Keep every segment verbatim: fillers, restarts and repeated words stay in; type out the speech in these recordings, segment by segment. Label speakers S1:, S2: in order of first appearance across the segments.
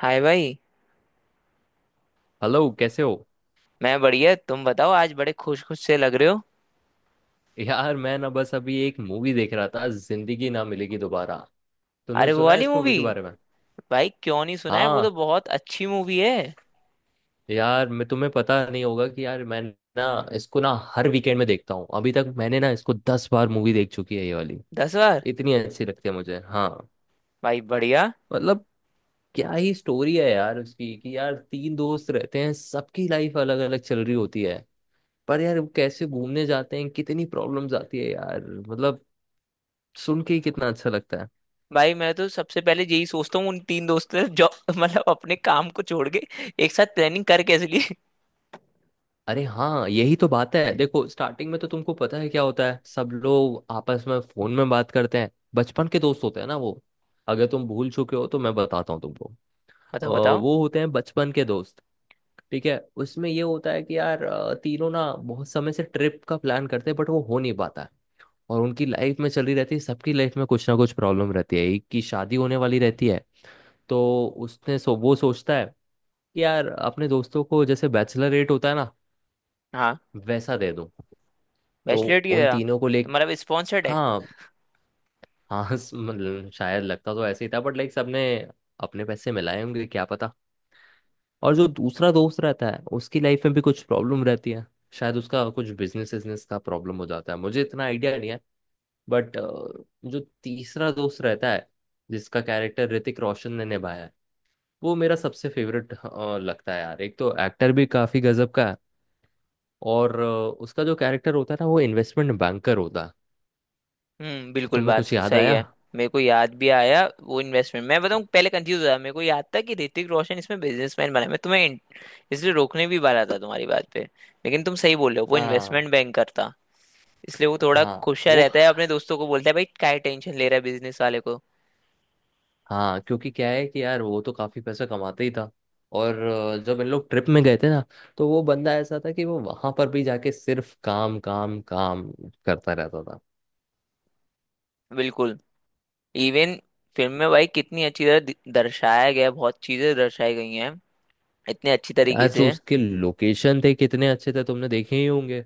S1: हाय भाई।
S2: हेलो, कैसे हो।
S1: मैं बढ़िया, तुम बताओ। आज बड़े खुश खुश से लग रहे हो।
S2: यार मैं ना बस अभी एक मूवी देख रहा था, जिंदगी ना मिलेगी दोबारा। तुमने
S1: अरे वो
S2: सुना है
S1: वाली
S2: इस मूवी
S1: मूवी।
S2: के बारे में?
S1: भाई क्यों नहीं सुना है, वो तो
S2: हाँ,
S1: बहुत अच्छी मूवी है।
S2: यार मैं तुम्हें पता नहीं होगा कि यार मैं ना इसको ना हर वीकेंड में देखता हूँ। अभी तक मैंने ना इसको दस बार मूवी देख चुकी है ये वाली।
S1: दस बार?
S2: इतनी अच्छी लगती है मुझे। हाँ।
S1: भाई बढ़िया।
S2: मतलब क्या ही स्टोरी है यार उसकी कि यार तीन दोस्त रहते हैं, सबकी लाइफ अलग अलग चल रही होती है। पर यार वो कैसे घूमने जाते हैं, कितनी प्रॉब्लम्स आती है यार, मतलब सुन के ही कितना अच्छा लगता है।
S1: भाई मैं तो सबसे पहले यही सोचता हूँ उन तीन दोस्तों ने जो मतलब अपने काम को छोड़ के एक साथ प्लानिंग कर कैसे लिए।
S2: अरे हाँ, यही तो बात है। देखो स्टार्टिंग में तो तुमको पता है क्या होता है, सब लोग आपस में फोन में बात करते हैं, बचपन के दोस्त होते हैं ना वो। अगर तुम भूल चुके हो तो मैं बताता हूँ तुमको। अ,
S1: बताओ बताओ।
S2: वो होते हैं बचपन के दोस्त। ठीक है। उसमें ये होता है कि यार अ, तीनों ना बहुत समय से ट्रिप का प्लान करते हैं बट वो हो नहीं पाता है। और उनकी लाइफ में चली रहती है, सबकी लाइफ में कुछ ना कुछ प्रॉब्लम रहती है, एक की शादी होने वाली रहती है। तो उसने सो, वो सोचता है कि यार अपने दोस्तों को जैसे बैचलर रेट होता है ना,
S1: हाँ,
S2: वैसा दे दूं। तो
S1: बैचलर की
S2: उन
S1: तरह।
S2: तीनों को ले।
S1: तुम्हारा भी स्पॉन्सर्ड है?
S2: हाँ। हाँ स- मतलब शायद लगता तो ऐसे ही था बट लाइक सबने अपने पैसे मिलाए होंगे, क्या पता। और जो दूसरा दोस्त रहता है उसकी लाइफ में भी कुछ प्रॉब्लम रहती है, शायद उसका कुछ बिजनेस बिजनेस का प्रॉब्लम हो जाता है, मुझे इतना आइडिया नहीं है। बट जो तीसरा दोस्त रहता है, जिसका कैरेक्टर ऋतिक रोशन ने निभाया है, वो मेरा सबसे फेवरेट लगता है यार। एक तो एक्टर भी काफी गजब का है। और अ, उसका जो कैरेक्टर होता है ना वो इन्वेस्टमेंट बैंकर होता है।
S1: हम्म, बिल्कुल
S2: तुम्हें
S1: बात
S2: कुछ याद
S1: सही
S2: आया?
S1: है। मेरे को याद भी आया वो इन्वेस्टमेंट। मैं बताऊं, पहले कंफ्यूज हुआ, मेरे को याद था कि ऋतिक रोशन इसमें बिजनेसमैन बना है। मैं तुम्हें इन- इसलिए रोकने भी वाला था तुम्हारी बात पे, लेकिन तुम सही बोल रहे हो, वो
S2: हाँ।
S1: इन्वेस्टमेंट बैंकर था। इसलिए वो थोड़ा
S2: हाँ
S1: खुशा
S2: वो।
S1: रहता है, अपने दोस्तों को बोलता है भाई क्या टेंशन ले रहा है बिजनेस वाले को।
S2: हाँ क्योंकि क्या है कि यार वो तो काफी पैसा कमाते ही था। और अ, जब इन लोग ट्रिप में गए थे ना, तो वो बंदा ऐसा था कि वो वहां पर भी जाके सिर्फ काम काम काम करता रहता था।
S1: बिल्कुल। इवन फिल्म में भाई कितनी अच्छी तरह दि- दर्शाया गया है, बहुत चीजें दर्शाई गई हैं इतने अच्छी तरीके
S2: यार जो
S1: से।
S2: उसके लोकेशन थे कितने अच्छे थे, तुमने देखे ही होंगे।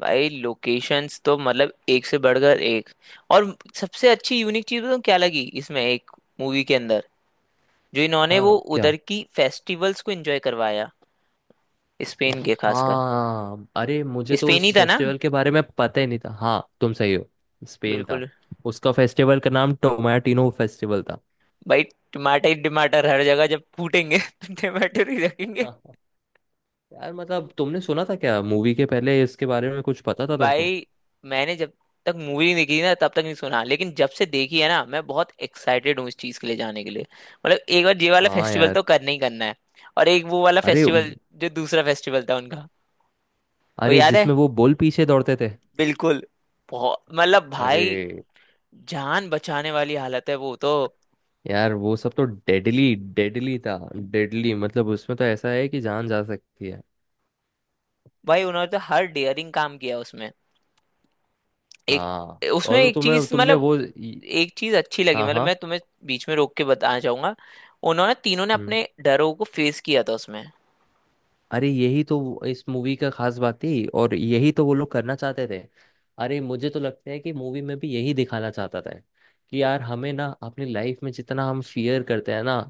S1: भाई लोकेशंस तो मतलब एक से बढ़कर एक। और सबसे अच्छी यूनिक चीज तो क्या लगी इसमें एक मूवी के अंदर जो इन्होंने वो
S2: हाँ क्या।
S1: उधर की फेस्टिवल्स को एंजॉय करवाया। स्पेन के खासकर।
S2: हाँ अरे, मुझे तो
S1: स्पेन ही
S2: उस
S1: था ना।
S2: फेस्टिवल के बारे में पता ही नहीं था। हाँ, तुम सही हो। स्पेन था।
S1: बिल्कुल।
S2: उसका फेस्टिवल का नाम टोमाटिनो फेस्टिवल था।
S1: भाई टमाटर ही टमाटर हर जगह जब फूटेंगे तो टमाटर ही रखेंगे।
S2: यार मतलब तुमने सुना था क्या, मूवी के पहले इसके बारे में कुछ पता था तुमको?
S1: भाई मैंने जब तक मूवी नहीं देखी ना तब तक नहीं सुना, लेकिन जब से देखी है ना मैं बहुत एक्साइटेड हूँ इस चीज के लिए, जाने के लिए। मतलब एक बार ये वाला
S2: हाँ
S1: फेस्टिवल
S2: यार।
S1: तो करना ही करना है। और एक वो वाला
S2: अरे व-
S1: फेस्टिवल, जो दूसरा फेस्टिवल था उनका। वो
S2: अरे
S1: याद है।
S2: जिसमें वो बोल पीछे दौड़ते थे।
S1: बिल्कुल। बहुत, मतलब
S2: अरे
S1: भाई जान बचाने वाली हालत है वो तो।
S2: यार वो सब तो डेडली डेडली था। डेडली मतलब उसमें तो ऐसा है कि जान जा सकती है।
S1: भाई उन्होंने तो हर डेयरिंग काम किया उसमें। एक
S2: हाँ।
S1: उसमें
S2: और वो
S1: एक
S2: तुम्हें
S1: चीज,
S2: तुमने
S1: मतलब
S2: वो इ-
S1: एक चीज अच्छी लगी,
S2: हाँ
S1: मतलब
S2: हाँ।
S1: मैं तुम्हें बीच में रोक के बताना चाहूंगा, उन्होंने तीनों ने
S2: हम्म।
S1: अपने डरों को फेस किया था उसमें।
S2: अरे यही तो वो- इस मूवी का खास बात थी और यही तो वो लोग करना चाहते थे। अरे मुझे तो लगता है कि मूवी में भी यही दिखाना चाहता था कि यार हमें ना अपनी लाइफ में जितना हम फियर करते हैं ना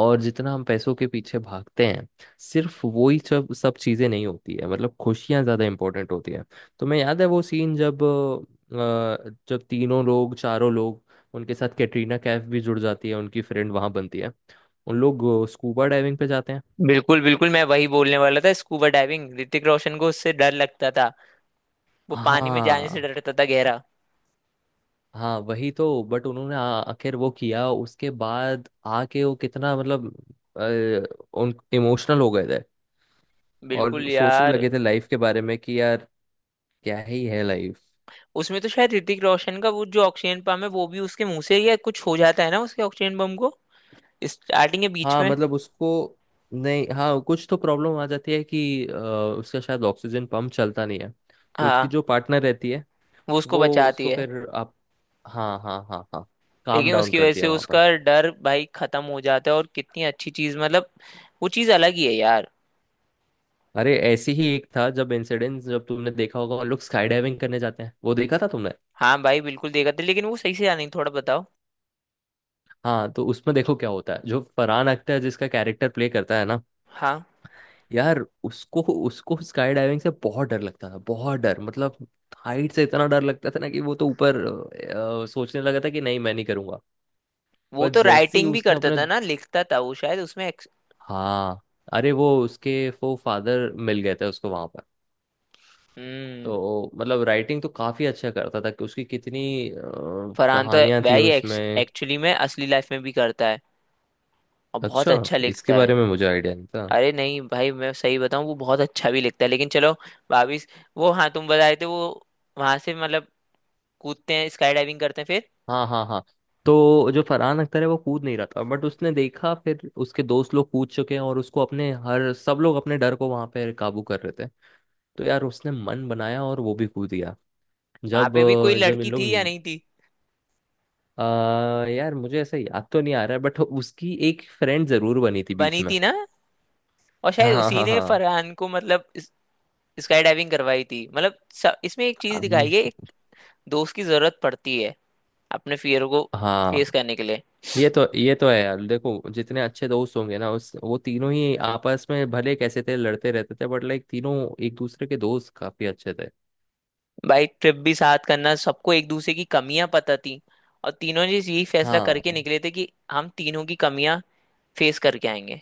S2: और जितना हम पैसों के पीछे भागते हैं, सिर्फ वो ही सब सब चीज़ें नहीं होती है। मतलब खुशियाँ ज़्यादा इंपॉर्टेंट होती है। तो मैं, याद है वो सीन, जब अ, जब तीनों लोग, चारों लोग, उनके साथ कैटरीना कैफ भी जुड़ जाती है, उनकी फ्रेंड वहां बनती है, उन लोग स्कूबा डाइविंग पे जाते हैं।
S1: बिल्कुल बिल्कुल, मैं वही बोलने वाला था, स्कूबा डाइविंग, ऋतिक रोशन को उससे डर लगता था। वो पानी में जाने से
S2: हाँ
S1: डरता था, गहरा।
S2: हाँ वही तो। बट उन्होंने आ- आखिर वो किया उसके बाद आके वो कितना मतलब अ, उन इमोशनल हो गए थे।
S1: बिल्कुल
S2: और सोचने
S1: यार।
S2: लगे थे लाइफ के बारे में कि यार क्या ही है लाइफ।
S1: उसमें तो शायद ऋतिक रोशन का वो जो ऑक्सीजन पंप है वो भी उसके मुंह से ही या कुछ हो जाता है ना, उसके ऑक्सीजन पंप को, स्टार्टिंग के बीच
S2: हाँ
S1: में।
S2: मतलब उसको, नहीं, हाँ कुछ तो प्रॉब्लम आ जाती है कि अ, उसका शायद ऑक्सीजन पंप चलता नहीं है। तो उसकी
S1: हाँ।
S2: जो पार्टनर रहती है
S1: वो उसको
S2: वो
S1: बचाती
S2: उसको
S1: है।
S2: फिर आप, हाँ हाँ हाँ हाँ, काम
S1: लेकिन
S2: डाउन
S1: उसकी वजह
S2: करती
S1: से
S2: है वहां पर।
S1: उसका डर भाई खत्म हो जाता है और कितनी अच्छी चीज, मतलब वो चीज अलग ही है यार।
S2: अरे ऐसी ही एक था जब इंसिडेंट, जब तुमने देखा होगा वो लोग स्काई डाइविंग करने जाते हैं, वो देखा था तुमने?
S1: हाँ भाई बिल्कुल देखा था, लेकिन वो सही से याद नहीं, थोड़ा बताओ।
S2: हाँ, तो उसमें देखो क्या होता है, जो फरहान अख्तर जिसका कैरेक्टर प्ले करता है ना,
S1: हाँ।
S2: यार उसको उसको स्काई डाइविंग से बहुत डर लगता था, बहुत डर मतलब। हाइट से इतना डर लगता था ना कि वो तो ऊपर अ, सोचने लगा था कि नहीं मैं नहीं करूंगा।
S1: वो
S2: पर
S1: तो
S2: जैसे ही
S1: राइटिंग भी
S2: उसने
S1: करता
S2: अपने
S1: था ना, लिखता था वो शायद उसमें।
S2: हाँ अरे वो उसके वो फादर मिल गए थे उसको वहां पर।
S1: हम्म।
S2: तो मतलब राइटिंग तो काफी अच्छा करता था, कि उसकी कितनी अ,
S1: फरहान तो
S2: कहानियां थी
S1: भाई
S2: उसमें।
S1: एक्चुअली में असली लाइफ में भी करता है, और बहुत
S2: अच्छा,
S1: अच्छा
S2: इसके
S1: लिखता
S2: बारे
S1: है।
S2: में मुझे आइडिया नहीं था।
S1: अरे नहीं भाई, मैं सही बताऊं वो बहुत अच्छा भी लिखता है। लेकिन चलो भाभी, वो हाँ, तुम बताए थे वो वहां से मतलब कूदते हैं, स्काई डाइविंग करते हैं फिर।
S2: हाँ हाँ हाँ। तो जो फरहान अख्तर है वो कूद नहीं रहा था, बट उसने देखा फिर उसके दोस्त लोग कूद चुके हैं और उसको अपने हर, सब लोग अपने डर को वहां पे काबू कर रहे थे। तो यार उसने मन बनाया और वो भी कूद गया।
S1: वहां
S2: जब
S1: पे भी कोई
S2: अ, जब इन
S1: लड़की
S2: लोग
S1: थी या नहीं थी?
S2: आ, यार मुझे ऐसा याद तो नहीं आ रहा है बट उसकी एक फ्रेंड जरूर बनी थी बीच
S1: बनी
S2: में।
S1: थी ना। और शायद
S2: हाँ
S1: उसी
S2: हाँ
S1: ने
S2: हाँ।
S1: फरहान को, मतलब स्काई डाइविंग करवाई थी। मतलब स- इसमें एक चीज
S2: अम्म,
S1: दिखाई है, एक दोस्त की जरूरत पड़ती है अपने फियर को
S2: हाँ
S1: फेस करने के लिए।
S2: ये तो ये तो है यार, देखो जितने अच्छे दोस्त होंगे ना उस वो तीनों ही आपस में भले कैसे थे, लड़ते रहते थे बट लाइक तीनों एक दूसरे के दोस्त काफी अच्छे थे।
S1: भाई ट्रिप भी साथ करना, सबको एक दूसरे की कमियां पता थी। और तीनों ने यही फैसला
S2: हाँ
S1: करके निकले थे कि हम तीनों की कमियां फेस करके आएंगे।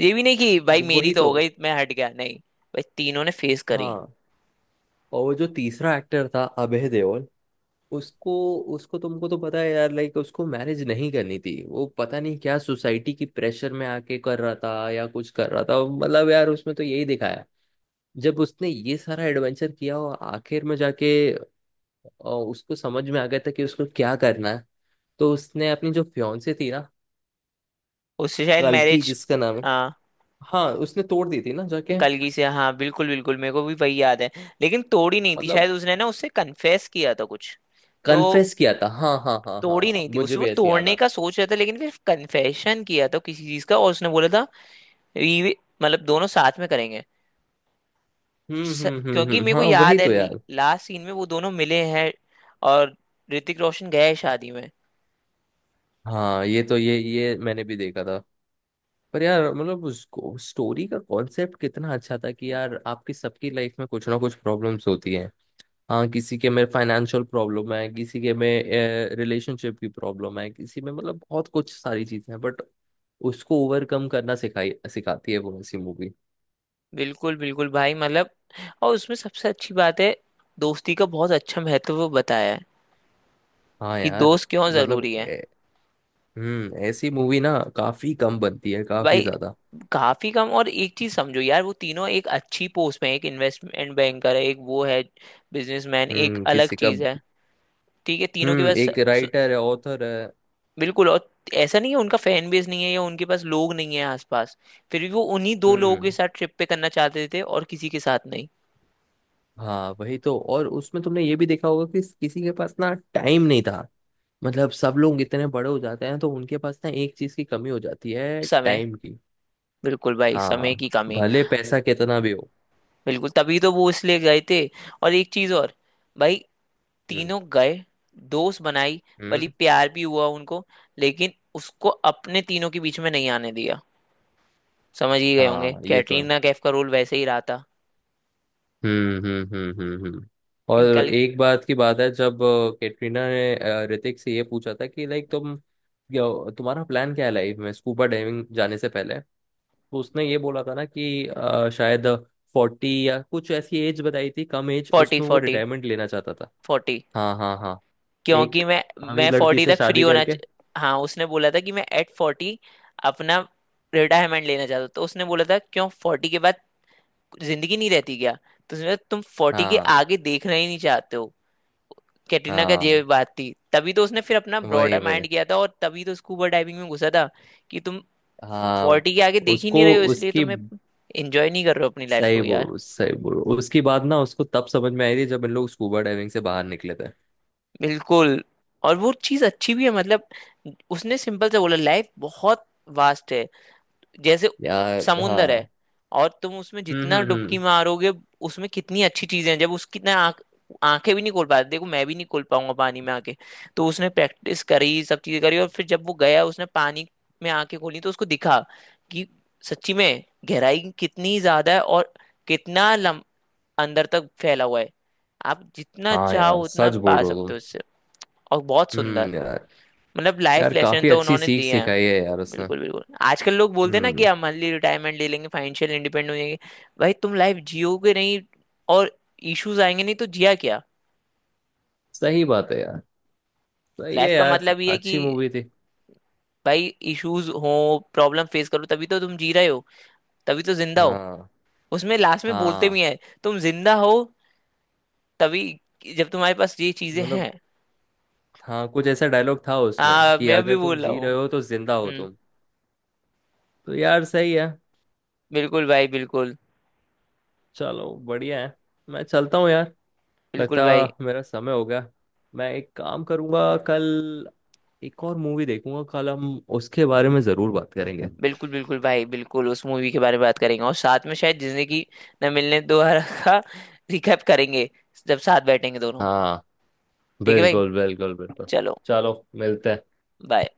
S1: ये भी नहीं कि भाई मेरी
S2: वही
S1: तो
S2: तो।
S1: हो गई मैं हट गया, नहीं। भाई तीनों ने फेस करी।
S2: हाँ और वो जो तीसरा एक्टर था, अभय देओल, उसको उसको तुमको तो पता है यार, लाइक उसको मैरिज नहीं करनी थी, वो पता नहीं क्या सोसाइटी की प्रेशर में आके कर रहा था या कुछ कर रहा था, मतलब यार उसमें तो यही दिखाया। जब उसने ये सारा एडवेंचर किया और आखिर में जाके अ, उसको समझ में आ गया था कि उसको क्या करना है। तो उसने अपनी जो फ्योंसे थी ना,
S1: उससे शायद
S2: कल्कि
S1: मैरिज।
S2: जिसका नाम है,
S1: हाँ,
S2: हाँ, उसने तोड़ दी थी ना जाके।
S1: कलगी से। हाँ बिल्कुल बिल्कुल, मेरे को भी वही याद है। लेकिन तोड़ी नहीं थी
S2: मतलब
S1: शायद, उसने ना उससे कन्फेस किया था कुछ। तो
S2: कन्फेस किया था। हाँ हाँ हाँ हाँ
S1: तोड़ी
S2: हाँ,
S1: नहीं थी,
S2: मुझे
S1: उसको
S2: भी ऐसे याद
S1: तोड़ने
S2: आ,
S1: का सोच रहा था, लेकिन फिर कन्फेशन किया था किसी चीज का, और उसने बोला था ये मतलब दोनों साथ में करेंगे।
S2: हम्म
S1: स-
S2: हम्म हम्म
S1: क्योंकि
S2: हम्म,
S1: मेरे को
S2: हाँ वही
S1: याद है
S2: तो यार।
S1: लास्ट सीन में वो दोनों मिले हैं, और ऋतिक रोशन गया है शादी में।
S2: हाँ ये तो ये ये मैंने भी देखा था। पर यार मतलब उसको स्टोरी का कॉन्सेप्ट कितना अच्छा था कि यार आपकी सबकी लाइफ में कुछ ना कुछ प्रॉब्लम्स होती हैं। हाँ, किसी के में फाइनेंशियल प्रॉब्लम है, किसी के में रिलेशनशिप की प्रॉब्लम है, किसी में, मतलब बहुत कुछ सारी चीजें हैं। बट उसको ओवरकम करना सिखाई, सिखाती है वो ऐसी मूवी।
S1: बिल्कुल बिल्कुल भाई, मतलब और उसमें सबसे अच्छी बात है दोस्ती का बहुत अच्छा महत्व वो बताया है,
S2: हाँ
S1: कि
S2: यार।
S1: दोस्त क्यों
S2: मतलब
S1: जरूरी है।
S2: ए- हम्म, ऐसी मूवी ना काफी कम बनती है, काफी
S1: भाई
S2: ज्यादा।
S1: काफी कम। और एक चीज समझो यार, वो तीनों एक अच्छी पोस्ट में है, एक इन्वेस्टमेंट बैंकर है, एक वो है बिजनेसमैन, एक
S2: हम्म।
S1: अलग
S2: किसी का,
S1: चीज है। ठीक है, तीनों के
S2: हम्म,
S1: पास।
S2: एक राइटर है, ऑथर है।
S1: बिल्कुल। और ऐसा नहीं है उनका फैन बेस नहीं है या उनके पास लोग नहीं है आसपास, फिर भी वो उन्हीं दो लोगों के
S2: हम्म,
S1: साथ ट्रिप पे करना चाहते थे और किसी के साथ नहीं।
S2: हाँ वही तो। और उसमें तुमने ये भी देखा होगा कि किसी के पास ना टाइम नहीं था। मतलब सब लोग इतने बड़े हो जाते हैं तो उनके पास ना एक चीज की कमी हो जाती है,
S1: समय।
S2: टाइम की।
S1: बिल्कुल भाई, समय
S2: हाँ,
S1: की कमी।
S2: भले पैसा कितना भी हो।
S1: बिल्कुल, तभी तो वो इसलिए गए थे। और एक चीज और, भाई
S2: हम्म
S1: तीनों गए, दोस्त बनाई, भली
S2: हम्म।
S1: प्यार भी हुआ उनको, लेकिन उसको अपने तीनों के बीच में नहीं आने दिया। समझ ही गए होंगे,
S2: हाँ ये तो है।
S1: कैटरीना कैफ का रोल वैसे ही रहा था।
S2: हम्म हम्म हम्म हम्म हम्म।
S1: कि कल।
S2: और एक बात की बात है, जब अ, कैटरीना ने अ, ऋतिक से ये पूछा था कि लाइक तुम क्या- तुम्हारा प्लान क्या है लाइफ में, स्कूबा डाइविंग जाने से पहले। तो उसने ये बोला था ना कि अ, शायद फोर्टी या कुछ ऐसी एज बताई थी, कम एज
S1: फोर्टी
S2: उसमें, वो
S1: फोर्टी।
S2: रिटायरमेंट लेना चाहता था।
S1: फोर्टी।
S2: हाँ हाँ हाँ। एक
S1: क्योंकि मैं मैं
S2: अमीर लड़की
S1: फोर्टी
S2: से
S1: तक फ्री
S2: शादी
S1: होना
S2: करके।
S1: च- हाँ उसने बोला था कि मैं एट फोर्टी अपना रिटायरमेंट लेना चाहता हूँ, तो उसने बोला था क्यों, फोर्टी के बाद जिंदगी नहीं रहती क्या? तो उसने बोला, तुम फोर्टी के
S2: हाँ
S1: आगे देखना ही नहीं चाहते हो। कैटरीना का ये
S2: हाँ,
S1: बात थी, तभी तो उसने फिर अपना
S2: वही
S1: ब्रॉडर
S2: वही।
S1: माइंड किया था, और तभी तो स्कूबा डाइविंग में घुसा था। कि तुम
S2: हाँ,
S1: फोर्टी के आगे देख ही
S2: उसको
S1: नहीं रहे हो इसलिए
S2: उसकी,
S1: तुम्हें एंजॉय नहीं कर रहे हो अपनी लाइफ
S2: सही
S1: को यार।
S2: बोल सही बोल, उसकी बात ना उसको तब समझ में आई थी जब इन लोग स्कूबा डाइविंग से बाहर निकले थे।
S1: बिल्कुल। और वो चीज़ अच्छी भी है, मतलब उसने सिंपल से बोला लाइफ बहुत वास्ट है, जैसे
S2: यार
S1: समुंदर है।
S2: हाँ।
S1: और तुम उसमें
S2: हम्म
S1: जितना
S2: हम्म
S1: डुबकी
S2: हम्म।
S1: मारोगे, उसमें कितनी अच्छी चीजें हैं। जब उसकी ना आंख, आंखें भी नहीं खोल पाते, देखो मैं भी नहीं खोल पाऊंगा पानी में आके, तो उसने प्रैक्टिस करी, सब चीजें करी, और फिर जब वो गया उसने पानी में आंखें खोली तो उसको दिखा कि सच्ची में गहराई कितनी ज्यादा है, और कितना लम, अंदर तक फैला हुआ है। आप जितना
S2: हाँ
S1: चाहो
S2: यार,
S1: उतना
S2: सच बोल
S1: पा
S2: रहे हो
S1: सकते हो
S2: तुम।
S1: उससे, और बहुत सुंदर।
S2: हम्म यार,
S1: मतलब लाइफ
S2: यार
S1: लेसन
S2: काफी
S1: तो
S2: अच्छी
S1: उन्होंने
S2: सीख
S1: दिए हैं।
S2: सिखाई है यार उसने।
S1: बिल्कुल बिल्कुल, आजकल लोग बोलते हैं ना कि
S2: हम्म।
S1: हम अर्ली रिटायरमेंट ले लेंगे, फाइनेंशियल इंडिपेंडेंट हो जाएंगे। भाई तुम लाइफ जियोगे नहीं, और इश्यूज आएंगे नहीं तो जिया क्या।
S2: सही बात है यार। सही है
S1: लाइफ का
S2: यार,
S1: मतलब ये है कि
S2: अच्छी मूवी थी।
S1: भाई इश्यूज हो, प्रॉब्लम फेस करो, तभी तो तुम जी रहे हो, तभी तो जिंदा हो।
S2: हाँ।
S1: उसमें लास्ट में बोलते
S2: हाँ
S1: भी हैं, तुम जिंदा हो तभी जब तुम्हारे पास ये चीजें
S2: मतलब,
S1: हैं।
S2: हाँ कुछ ऐसा डायलॉग था उसमें
S1: हाँ
S2: कि
S1: मैं भी
S2: अगर तुम
S1: बोल रहा
S2: जी
S1: हूँ।
S2: रहे हो तो जिंदा हो
S1: हम्म।
S2: तुम। तो यार सही है।
S1: बिल्कुल भाई बिल्कुल।
S2: चलो, बढ़िया है। मैं चलता हूँ यार।
S1: बिल्कुल
S2: लगता,
S1: भाई
S2: मेरा समय हो गया। मैं एक काम करूँगा कल, एक और मूवी देखूंगा कल, हम उसके बारे में ज़रूर बात करेंगे।
S1: बिल्कुल। बिल्कुल भाई बिल्कुल उस मूवी के बारे में बात करेंगे, और साथ में शायद जिंदगी न मिलने दोबारा का रिकैप करेंगे, जब साथ बैठेंगे दोनों।
S2: हाँ,
S1: ठीक है भाई,
S2: बिल्कुल बिल्कुल बिल्कुल।
S1: चलो।
S2: चलो, मिलते हैं।
S1: बाय।